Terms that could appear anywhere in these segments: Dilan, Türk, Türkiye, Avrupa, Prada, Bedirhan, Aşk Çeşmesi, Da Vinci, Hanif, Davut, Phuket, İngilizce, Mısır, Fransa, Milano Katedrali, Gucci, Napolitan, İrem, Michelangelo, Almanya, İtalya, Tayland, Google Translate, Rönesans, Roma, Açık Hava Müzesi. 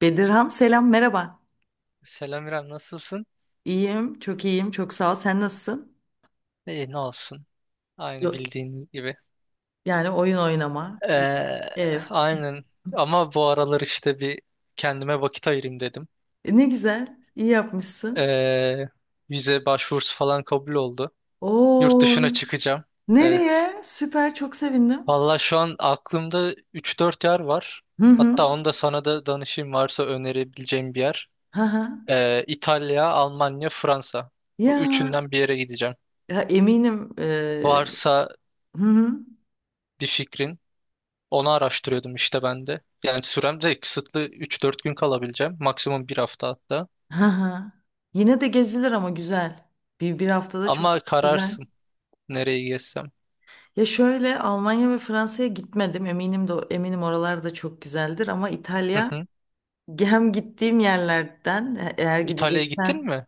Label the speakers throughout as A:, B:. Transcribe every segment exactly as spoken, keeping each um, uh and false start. A: Bedirhan, selam, merhaba.
B: Selam İrem, nasılsın?
A: İyiyim, çok iyiyim, çok sağ ol. Sen nasılsın?
B: İyi, ne olsun. Aynı
A: Yok,
B: bildiğin gibi.
A: yani oyun oynama,
B: Ee,
A: ev.
B: aynen. Ama bu aralar işte bir kendime vakit ayırayım dedim.
A: E, ne güzel, iyi yapmışsın.
B: Ee, Vize başvurusu falan kabul oldu. Yurt
A: Oo,
B: dışına çıkacağım. Evet.
A: nereye? Süper, çok sevindim.
B: Valla şu an aklımda üç dört yer var.
A: Hı hı.
B: Hatta onu da sana da danışayım varsa önerebileceğim bir yer.
A: Hı hı.
B: Ee, İtalya, Almanya, Fransa. Bu
A: Ya,
B: üçünden bir yere gideceğim.
A: ya eminim. E,
B: Varsa
A: hı hı.
B: bir fikrin. Onu araştırıyordum işte ben de. Yani sürem de kısıtlı, üç dört gün kalabileceğim. Maksimum bir hafta hatta.
A: Hı hı. Yine de gezilir ama güzel. Bir bir haftada çok
B: Ama
A: güzel.
B: kararsın nereye gezsem.
A: Ya şöyle, Almanya ve Fransa'ya gitmedim. Eminim de eminim, oralar da çok güzeldir ama
B: Hı
A: İtalya.
B: hı.
A: Hem gittiğim yerlerden e- eğer
B: İtalya'ya gittin
A: gideceksen,
B: mi?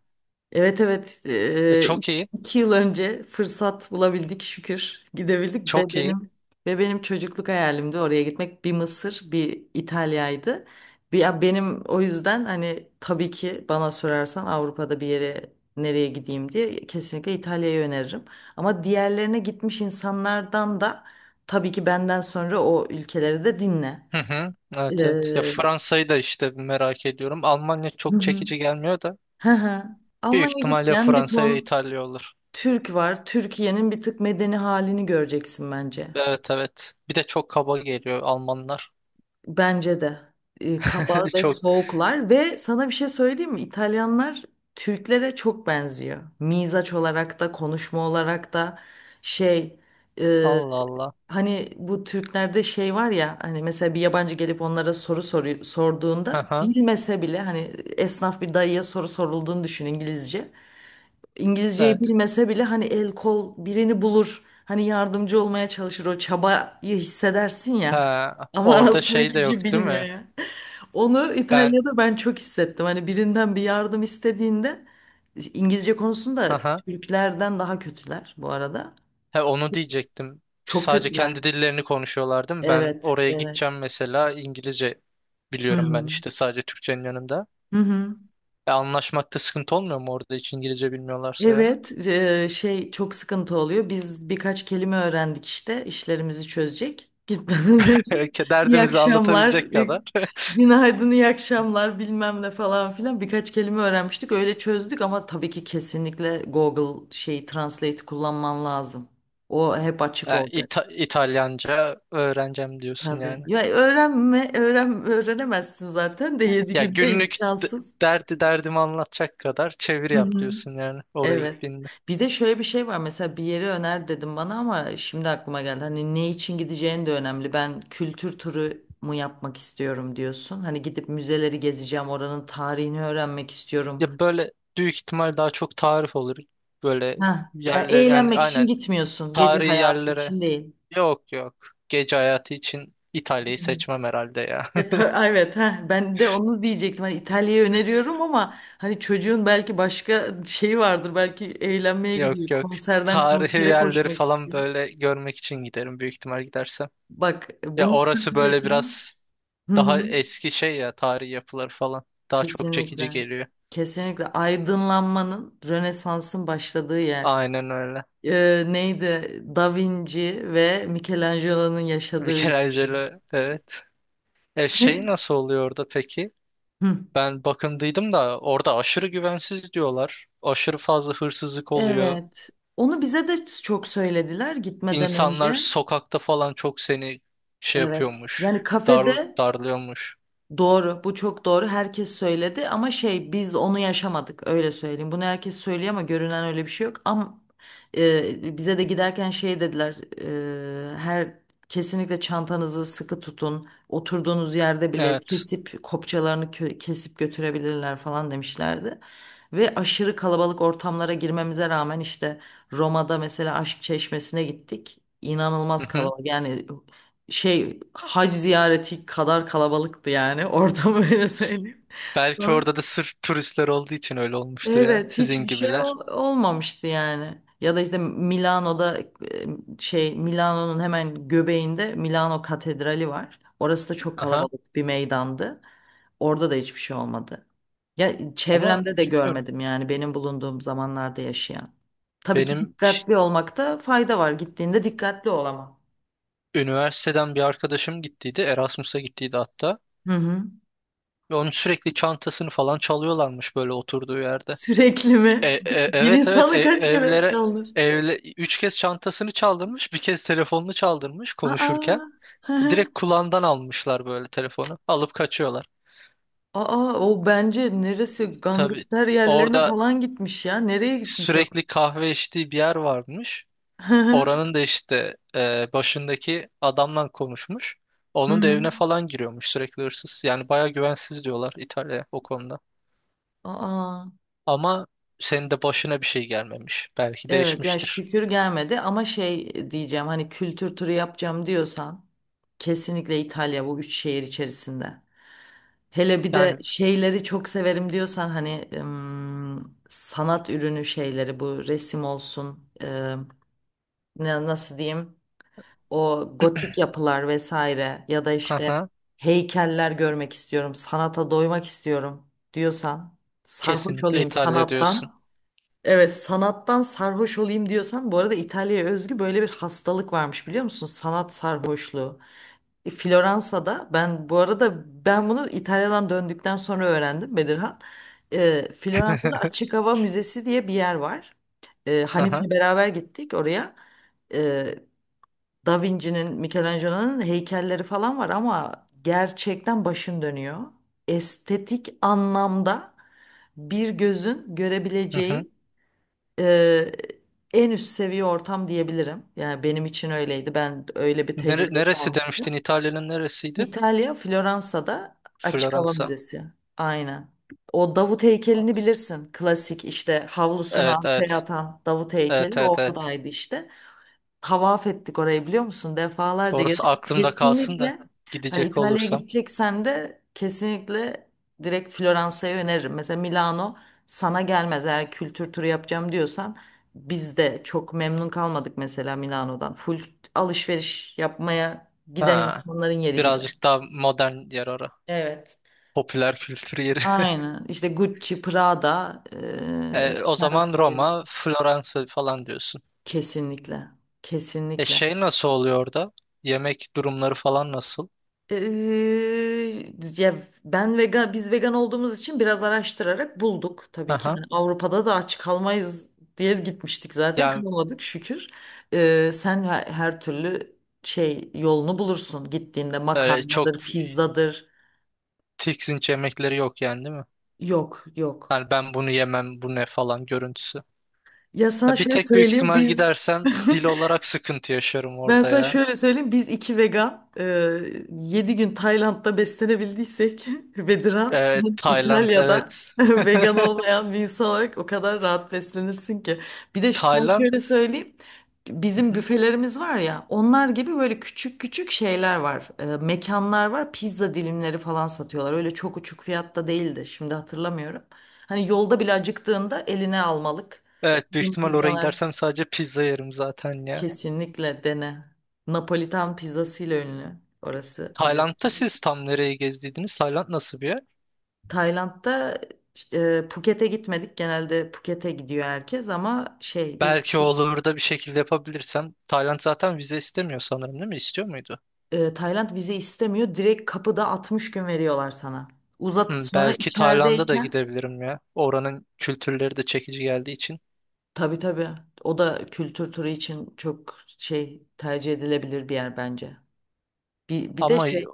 A: evet evet,
B: E,
A: e,
B: çok iyi.
A: iki yıl önce fırsat bulabildik, şükür gidebildik, ve
B: Çok iyi.
A: benim ve benim çocukluk hayalimdi oraya gitmek: bir Mısır, bir İtalya'ydı. Bir, ya benim o yüzden, hani, tabii ki bana sorarsan Avrupa'da bir yere nereye gideyim diye, kesinlikle İtalya'yı öneririm. Ama diğerlerine gitmiş insanlardan da, tabii ki benden sonra, o ülkeleri de dinle.
B: Hı hı. Evet evet. Ya
A: Ee,
B: Fransa'yı da işte merak ediyorum. Almanya çok çekici gelmiyor da.
A: Hı hı.
B: Büyük
A: Almanya'ya
B: ihtimalle
A: gideceksin, bir
B: Fransa'ya
A: ton
B: İtalya olur.
A: Türk var. Türkiye'nin bir tık medeni halini göreceksin bence.
B: Evet evet. Bir de çok kaba geliyor Almanlar.
A: Bence de. Ee, kaba ve
B: Çok.
A: soğuklar, ve sana bir şey söyleyeyim mi? İtalyanlar Türklere çok benziyor. Mizaç olarak da konuşma olarak da, şey, e,
B: Allah Allah.
A: hani bu Türklerde şey var ya, hani mesela bir yabancı gelip onlara soru soru
B: Hı
A: sorduğunda,
B: hı.
A: bilmese bile, hani, esnaf bir dayıya soru sorulduğunu düşün, İngilizce. İngilizceyi
B: Evet.
A: bilmese bile hani, el kol birini bulur. Hani yardımcı olmaya çalışır, o çabayı hissedersin ya.
B: Ha,
A: Ama
B: orada
A: aslında
B: şey de
A: hiçbir şey
B: yok değil
A: bilmiyor
B: mi?
A: ya. Onu
B: Ben.
A: İtalya'da ben çok hissettim. Hani birinden bir yardım istediğinde, İngilizce
B: Hı
A: konusunda
B: hı.
A: Türklerden daha kötüler bu arada.
B: He, onu diyecektim.
A: Çok
B: Sadece
A: kötüler.
B: kendi dillerini konuşuyorlar değil mi? Ben
A: Evet,
B: oraya
A: evet.
B: gideceğim mesela, İngilizce
A: Hı
B: biliyorum ben
A: hı.
B: işte sadece Türkçenin yanında.
A: Hı hı.
B: E, anlaşmakta sıkıntı olmuyor mu orada hiç İngilizce bilmiyorlarsa ya?
A: Evet, eee, şey, çok sıkıntı oluyor. Biz birkaç kelime öğrendik işte, işlerimizi çözecek. Gitmeden önce iyi
B: Derdimizi anlatabilecek
A: akşamlar, e,
B: kadar.
A: günaydın, iyi akşamlar, bilmem ne falan filan, birkaç kelime öğrenmiştik. Öyle çözdük, ama tabii ki kesinlikle Google şeyi, Translate, kullanman lazım. O hep açık
B: Ha,
A: olacak.
B: İta- İtalyanca öğreneceğim diyorsun
A: Tabii.
B: yani.
A: Ya öğrenme, öğren, öğrenemezsin zaten de, yedi
B: Ya
A: günde
B: günlük d-
A: imkansız.
B: derdi derdimi anlatacak kadar çeviri
A: Hı
B: yap
A: hı.
B: diyorsun yani oraya
A: Evet.
B: gittiğinde.
A: Bir de şöyle bir şey var. Mesela bir yeri öner dedim bana, ama şimdi aklıma geldi, hani ne için gideceğin de önemli. Ben kültür turu mu yapmak istiyorum diyorsun. Hani gidip müzeleri gezeceğim, oranın tarihini öğrenmek istiyorum.
B: Ya böyle büyük ihtimal daha çok tarif olur. Böyle
A: Ha, ya
B: yerler yani,
A: eğlenmek için
B: aynen,
A: gitmiyorsun. Gece
B: tarihi
A: hayatı
B: yerlere.
A: için değil.
B: Yok yok. Gece hayatı için İtalya'yı seçmem herhalde ya.
A: E, ta- evet, ha, ben de onu diyecektim. Hani İtalya'yı öneriyorum, ama hani çocuğun belki başka şeyi vardır. Belki eğlenmeye
B: Yok
A: gidiyor,
B: yok.
A: konserden
B: Tarihi
A: konsere
B: yerleri
A: koşmak
B: falan
A: istiyor.
B: böyle görmek için giderim büyük ihtimal gidersem.
A: Bak,
B: Ya
A: bunu
B: orası böyle
A: söylüyorsan.
B: biraz
A: Hı
B: daha
A: hı.
B: eski şey ya, tarihi yapılar falan. Daha çok çekici
A: Kesinlikle.
B: geliyor.
A: Kesinlikle aydınlanmanın, Rönesans'ın başladığı yer.
B: Aynen öyle.
A: Ee, neydi? Da Vinci ve Michelangelo'nun yaşadığı ülke.
B: Michelangelo evet. E şey
A: Ne?
B: nasıl oluyor orada peki?
A: Hı.
B: Ben bakındıydım da orada aşırı güvensiz diyorlar. Aşırı fazla hırsızlık oluyor.
A: Evet. Onu bize de çok söylediler gitmeden
B: İnsanlar
A: önce.
B: sokakta falan çok seni şey
A: Evet.
B: yapıyormuş.
A: Yani
B: Dar,
A: kafede.
B: darlıyormuş.
A: Doğru, bu çok doğru. Herkes söyledi, ama şey, biz onu yaşamadık, öyle söyleyeyim. Bunu herkes söylüyor ama görünen öyle bir şey yok. Ama e, bize de giderken şey dediler. E, her Kesinlikle çantanızı sıkı tutun. Oturduğunuz yerde bile
B: Evet.
A: kesip kopçalarını kö- kesip götürebilirler falan demişlerdi. Ve aşırı kalabalık ortamlara girmemize rağmen, işte Roma'da mesela Aşk Çeşmesi'ne gittik.
B: Hı
A: İnanılmaz
B: hı.
A: kalabalık, yani, şey, hac ziyareti kadar kalabalıktı yani orada, böyle söyleyeyim
B: Belki
A: sana.
B: orada da sırf turistler olduğu için öyle olmuştur ya.
A: Evet,
B: Sizin
A: hiçbir şey
B: gibiler.
A: ol- olmamıştı yani. Ya da işte Milano'da, e, şey, Milano'nun hemen göbeğinde Milano Katedrali var. Orası da çok
B: Aha.
A: kalabalık bir meydandı. Orada da hiçbir şey olmadı. Ya
B: Ama
A: çevremde de
B: bilmiyorum.
A: görmedim yani, benim bulunduğum zamanlarda yaşayan. Tabii ki
B: Benim ş-
A: dikkatli olmakta fayda var. Gittiğinde dikkatli ol ama.
B: üniversiteden bir arkadaşım gittiydi. Erasmus'a gittiydi hatta.
A: Hı hı.
B: Ve onun sürekli çantasını falan çalıyorlarmış böyle oturduğu yerde.
A: Sürekli
B: E,
A: mi?
B: e-
A: Bir
B: evet evet e-
A: insanı kaç kere
B: evlere
A: çaldır?
B: evle, Üç kez çantasını çaldırmış. Bir kez telefonunu çaldırmış konuşurken.
A: Aa, hı hı.
B: Direkt kulağından almışlar böyle telefonu. Alıp kaçıyorlar.
A: Aa, o bence neresi
B: Tabii
A: gangster yerlerine
B: orada
A: falan gitmiş ya. Nereye gitmiş o?
B: sürekli kahve içtiği bir yer varmış.
A: Hı hı.
B: Oranın da işte e, başındaki adamla konuşmuş.
A: Hı
B: Onun da
A: hı.
B: evine falan giriyormuş sürekli hırsız. Yani baya güvensiz diyorlar İtalya o konuda.
A: Aa,
B: Ama senin de başına bir şey gelmemiş. Belki
A: evet ya,
B: değişmiştir.
A: şükür gelmedi, ama şey diyeceğim, hani kültür turu yapacağım diyorsan, kesinlikle İtalya bu üç şehir içerisinde. Hele bir de
B: Yani
A: şeyleri çok severim diyorsan, hani, ım, sanat ürünü şeyleri, bu resim olsun, ne- nasıl diyeyim, o gotik yapılar vesaire, ya da işte
B: haha,
A: heykeller görmek istiyorum, sanata doymak istiyorum diyorsan, sarhoş
B: kesinlikle
A: olayım
B: İtalya diyorsun.
A: sanattan. Evet, sanattan sarhoş olayım diyorsan, bu arada İtalya'ya özgü böyle bir hastalık varmış, biliyor musun? Sanat sarhoşluğu. E, Floransa'da, ben bu arada ben bunu İtalya'dan döndükten sonra öğrendim Bedirhan. E, Floransa'da Açık Hava Müzesi diye bir yer var. E, Hanif'le
B: Aha,
A: beraber gittik oraya. E, Da Vinci'nin, Michelangelo'nun heykelleri falan var, ama gerçekten başın dönüyor. Estetik anlamda bir gözün
B: hı hı.
A: görebileceği e, en üst seviye ortam diyebilirim. Yani benim için öyleydi. Ben öyle bir tecrübe
B: Nere- neresi demiştin?
A: yaşamıştım.
B: İtalya'nın neresiydi?
A: İtalya, Floransa'da. Açık Hava
B: Floransa.
A: Müzesi. Aynen. O Davut heykelini bilirsin. Klasik işte havlusunu
B: Evet
A: arkaya
B: evet.
A: atan Davut
B: Evet
A: heykeli
B: evet evet.
A: oradaydı, işte tavaf ettik orayı, biliyor musun? Defalarca
B: Orası
A: gezdik.
B: aklımda kalsın da
A: Kesinlikle, hani,
B: gidecek
A: İtalya'ya
B: olursam.
A: gideceksen de kesinlikle direkt Floransa'yı öneririm. Mesela Milano sana gelmez eğer kültür turu yapacağım diyorsan. Biz de çok memnun kalmadık mesela Milano'dan. Full alışveriş yapmaya giden
B: Ha,
A: insanların yeri gibi.
B: birazcık daha modern yer ora.
A: Evet.
B: Popüler kültür yeri.
A: Aynen. İşte Gucci, Prada, eee,
B: E, o
A: sen
B: zaman
A: söyle.
B: Roma, Floransa falan diyorsun.
A: Kesinlikle.
B: E
A: Kesinlikle.
B: şey nasıl oluyor orada? Yemek durumları falan nasıl?
A: Eee, ya ben vegan, biz vegan olduğumuz için biraz araştırarak bulduk tabii ki.
B: Aha.
A: Yani Avrupa'da da aç kalmayız diye gitmiştik, zaten
B: Yani
A: kalmadık şükür. Eee, sen her, her türlü şey yolunu bulursun gittiğinde,
B: öyle çok
A: makarnadır, pizzadır.
B: tiksinç yemekleri yok yani değil mi?
A: Yok yok.
B: Yani ben bunu yemem, bu ne falan görüntüsü.
A: Ya sana
B: Ya bir
A: şöyle
B: tek büyük
A: söyleyeyim,
B: ihtimal
A: biz
B: gidersem dil olarak sıkıntı yaşarım
A: ben
B: orada
A: sana
B: ya.
A: şöyle söyleyeyim. Biz iki vegan e, yedi gün Tayland'da beslenebildiysek, ve Dilan,
B: Evet,
A: sen
B: Tayland
A: İtalya'da
B: evet.
A: vegan olmayan bir insan olarak o kadar rahat beslenirsin ki. Bir de sana
B: Tayland.
A: şöyle söyleyeyim.
B: Hı
A: Bizim
B: hı.
A: büfelerimiz var ya, onlar gibi böyle küçük küçük şeyler var. E, mekanlar var. Pizza dilimleri falan satıyorlar. Öyle çok uçuk fiyatta değildi. Şimdi hatırlamıyorum. Hani yolda bile acıktığında eline almalık.
B: Evet büyük
A: Bizim
B: ihtimal oraya
A: pizzalar.
B: gidersem sadece pizza yerim zaten ya.
A: Kesinlikle dene. Napolitan pizzasıyla ünlü orası,
B: Tayland'da
A: biliyorsun.
B: siz tam nereye gezdiydiniz? Tayland nasıl bir yer?
A: Tayland'da e, Phuket'e gitmedik. Genelde Phuket'e gidiyor herkes, ama şey, biz
B: Belki
A: hiç,
B: olur da bir şekilde yapabilirsem. Tayland zaten vize istemiyor sanırım değil mi? İstiyor muydu?
A: e, Tayland vize istemiyor. Direkt kapıda altmış gün veriyorlar sana. Uzat
B: Hı,
A: sonra
B: belki Tayland'a da
A: içerideyken,
B: gidebilirim ya. Oranın kültürleri de çekici geldiği için.
A: tabii tabii, o da kültür turu için çok şey, tercih edilebilir bir yer bence. Bir, bir de
B: Ama
A: şey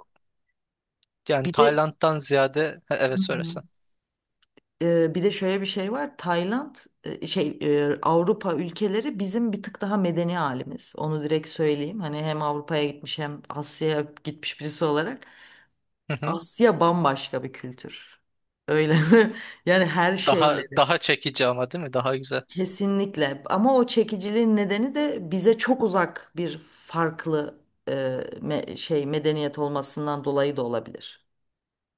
B: yani
A: bir de
B: Tayland'dan ziyade. Ha, evet söylesen.
A: Ee, bir de şöyle bir şey var. Tayland, e, şey e, Avrupa ülkeleri bizim bir tık daha medeni halimiz. Onu direkt söyleyeyim. Hani hem Avrupa'ya gitmiş hem Asya'ya gitmiş birisi olarak,
B: Hı hı.
A: Asya bambaşka bir kültür. Öyle. Yani her
B: Daha
A: şeyleri
B: daha çekici ama değil mi? Daha güzel
A: kesinlikle. Ama o çekiciliğin nedeni de bize çok uzak, bir farklı, e, me- şey medeniyet olmasından dolayı da olabilir.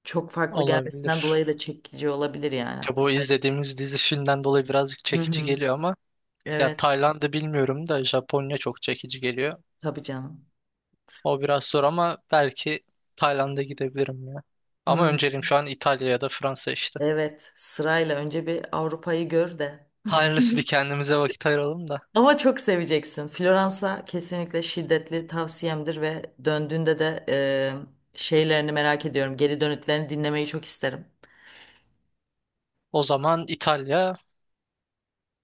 A: Çok farklı gelmesinden
B: olabilir.
A: dolayı da çekici olabilir yani.
B: Ya bu izlediğimiz dizi filmden dolayı birazcık
A: Hı
B: çekici
A: hı.
B: geliyor ama. Ya
A: Evet,
B: Tayland'ı bilmiyorum da Japonya çok çekici geliyor.
A: tabii canım.
B: O biraz zor ama belki Tayland'a gidebilirim ya. Ama
A: Hmm,
B: önceliğim şu an İtalya ya da Fransa işte.
A: evet, sırayla önce bir Avrupa'yı gör de.
B: Hayırlısı, bir kendimize vakit ayıralım da.
A: Ama çok seveceksin. Floransa kesinlikle şiddetli tavsiyemdir, ve döndüğünde de e, şeylerini merak ediyorum. Geri dönütlerini dinlemeyi çok isterim.
B: O zaman İtalya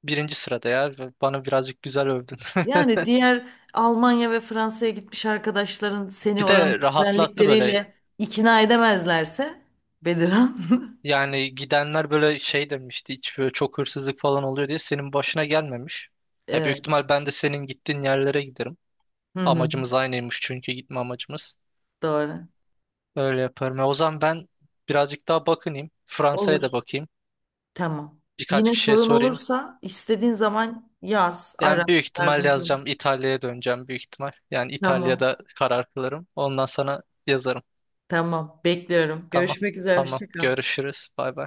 B: birinci sırada ya. Bana birazcık güzel övdün.
A: Yani diğer Almanya ve Fransa'ya gitmiş arkadaşların seni
B: Bir
A: oranın
B: de rahatlattı böyle.
A: güzellikleriyle ikna edemezlerse, Bediran.
B: Yani gidenler böyle şey demişti. Hiç böyle çok hırsızlık falan oluyor diye, senin başına gelmemiş. Ya büyük
A: Evet.
B: ihtimal ben de senin gittiğin yerlere giderim.
A: Hı hı,
B: Amacımız aynıymış çünkü, gitme amacımız.
A: doğru.
B: Öyle yaparım. E, o zaman ben birazcık daha bakınayım. Fransa'ya
A: Olur.
B: da bakayım.
A: Tamam.
B: Birkaç
A: Yine
B: kişiye
A: sorun
B: sorayım.
A: olursa istediğin zaman yaz, ara,
B: Yani büyük ihtimal
A: yardımcı ol.
B: yazacağım. İtalya'ya döneceğim büyük ihtimal. Yani
A: Tamam.
B: İtalya'da karar kılarım. Ondan sana yazarım.
A: Tamam. Bekliyorum.
B: Tamam.
A: Görüşmek üzere.
B: Tamam.
A: Hoşça kal.
B: Görüşürüz. Bay bay.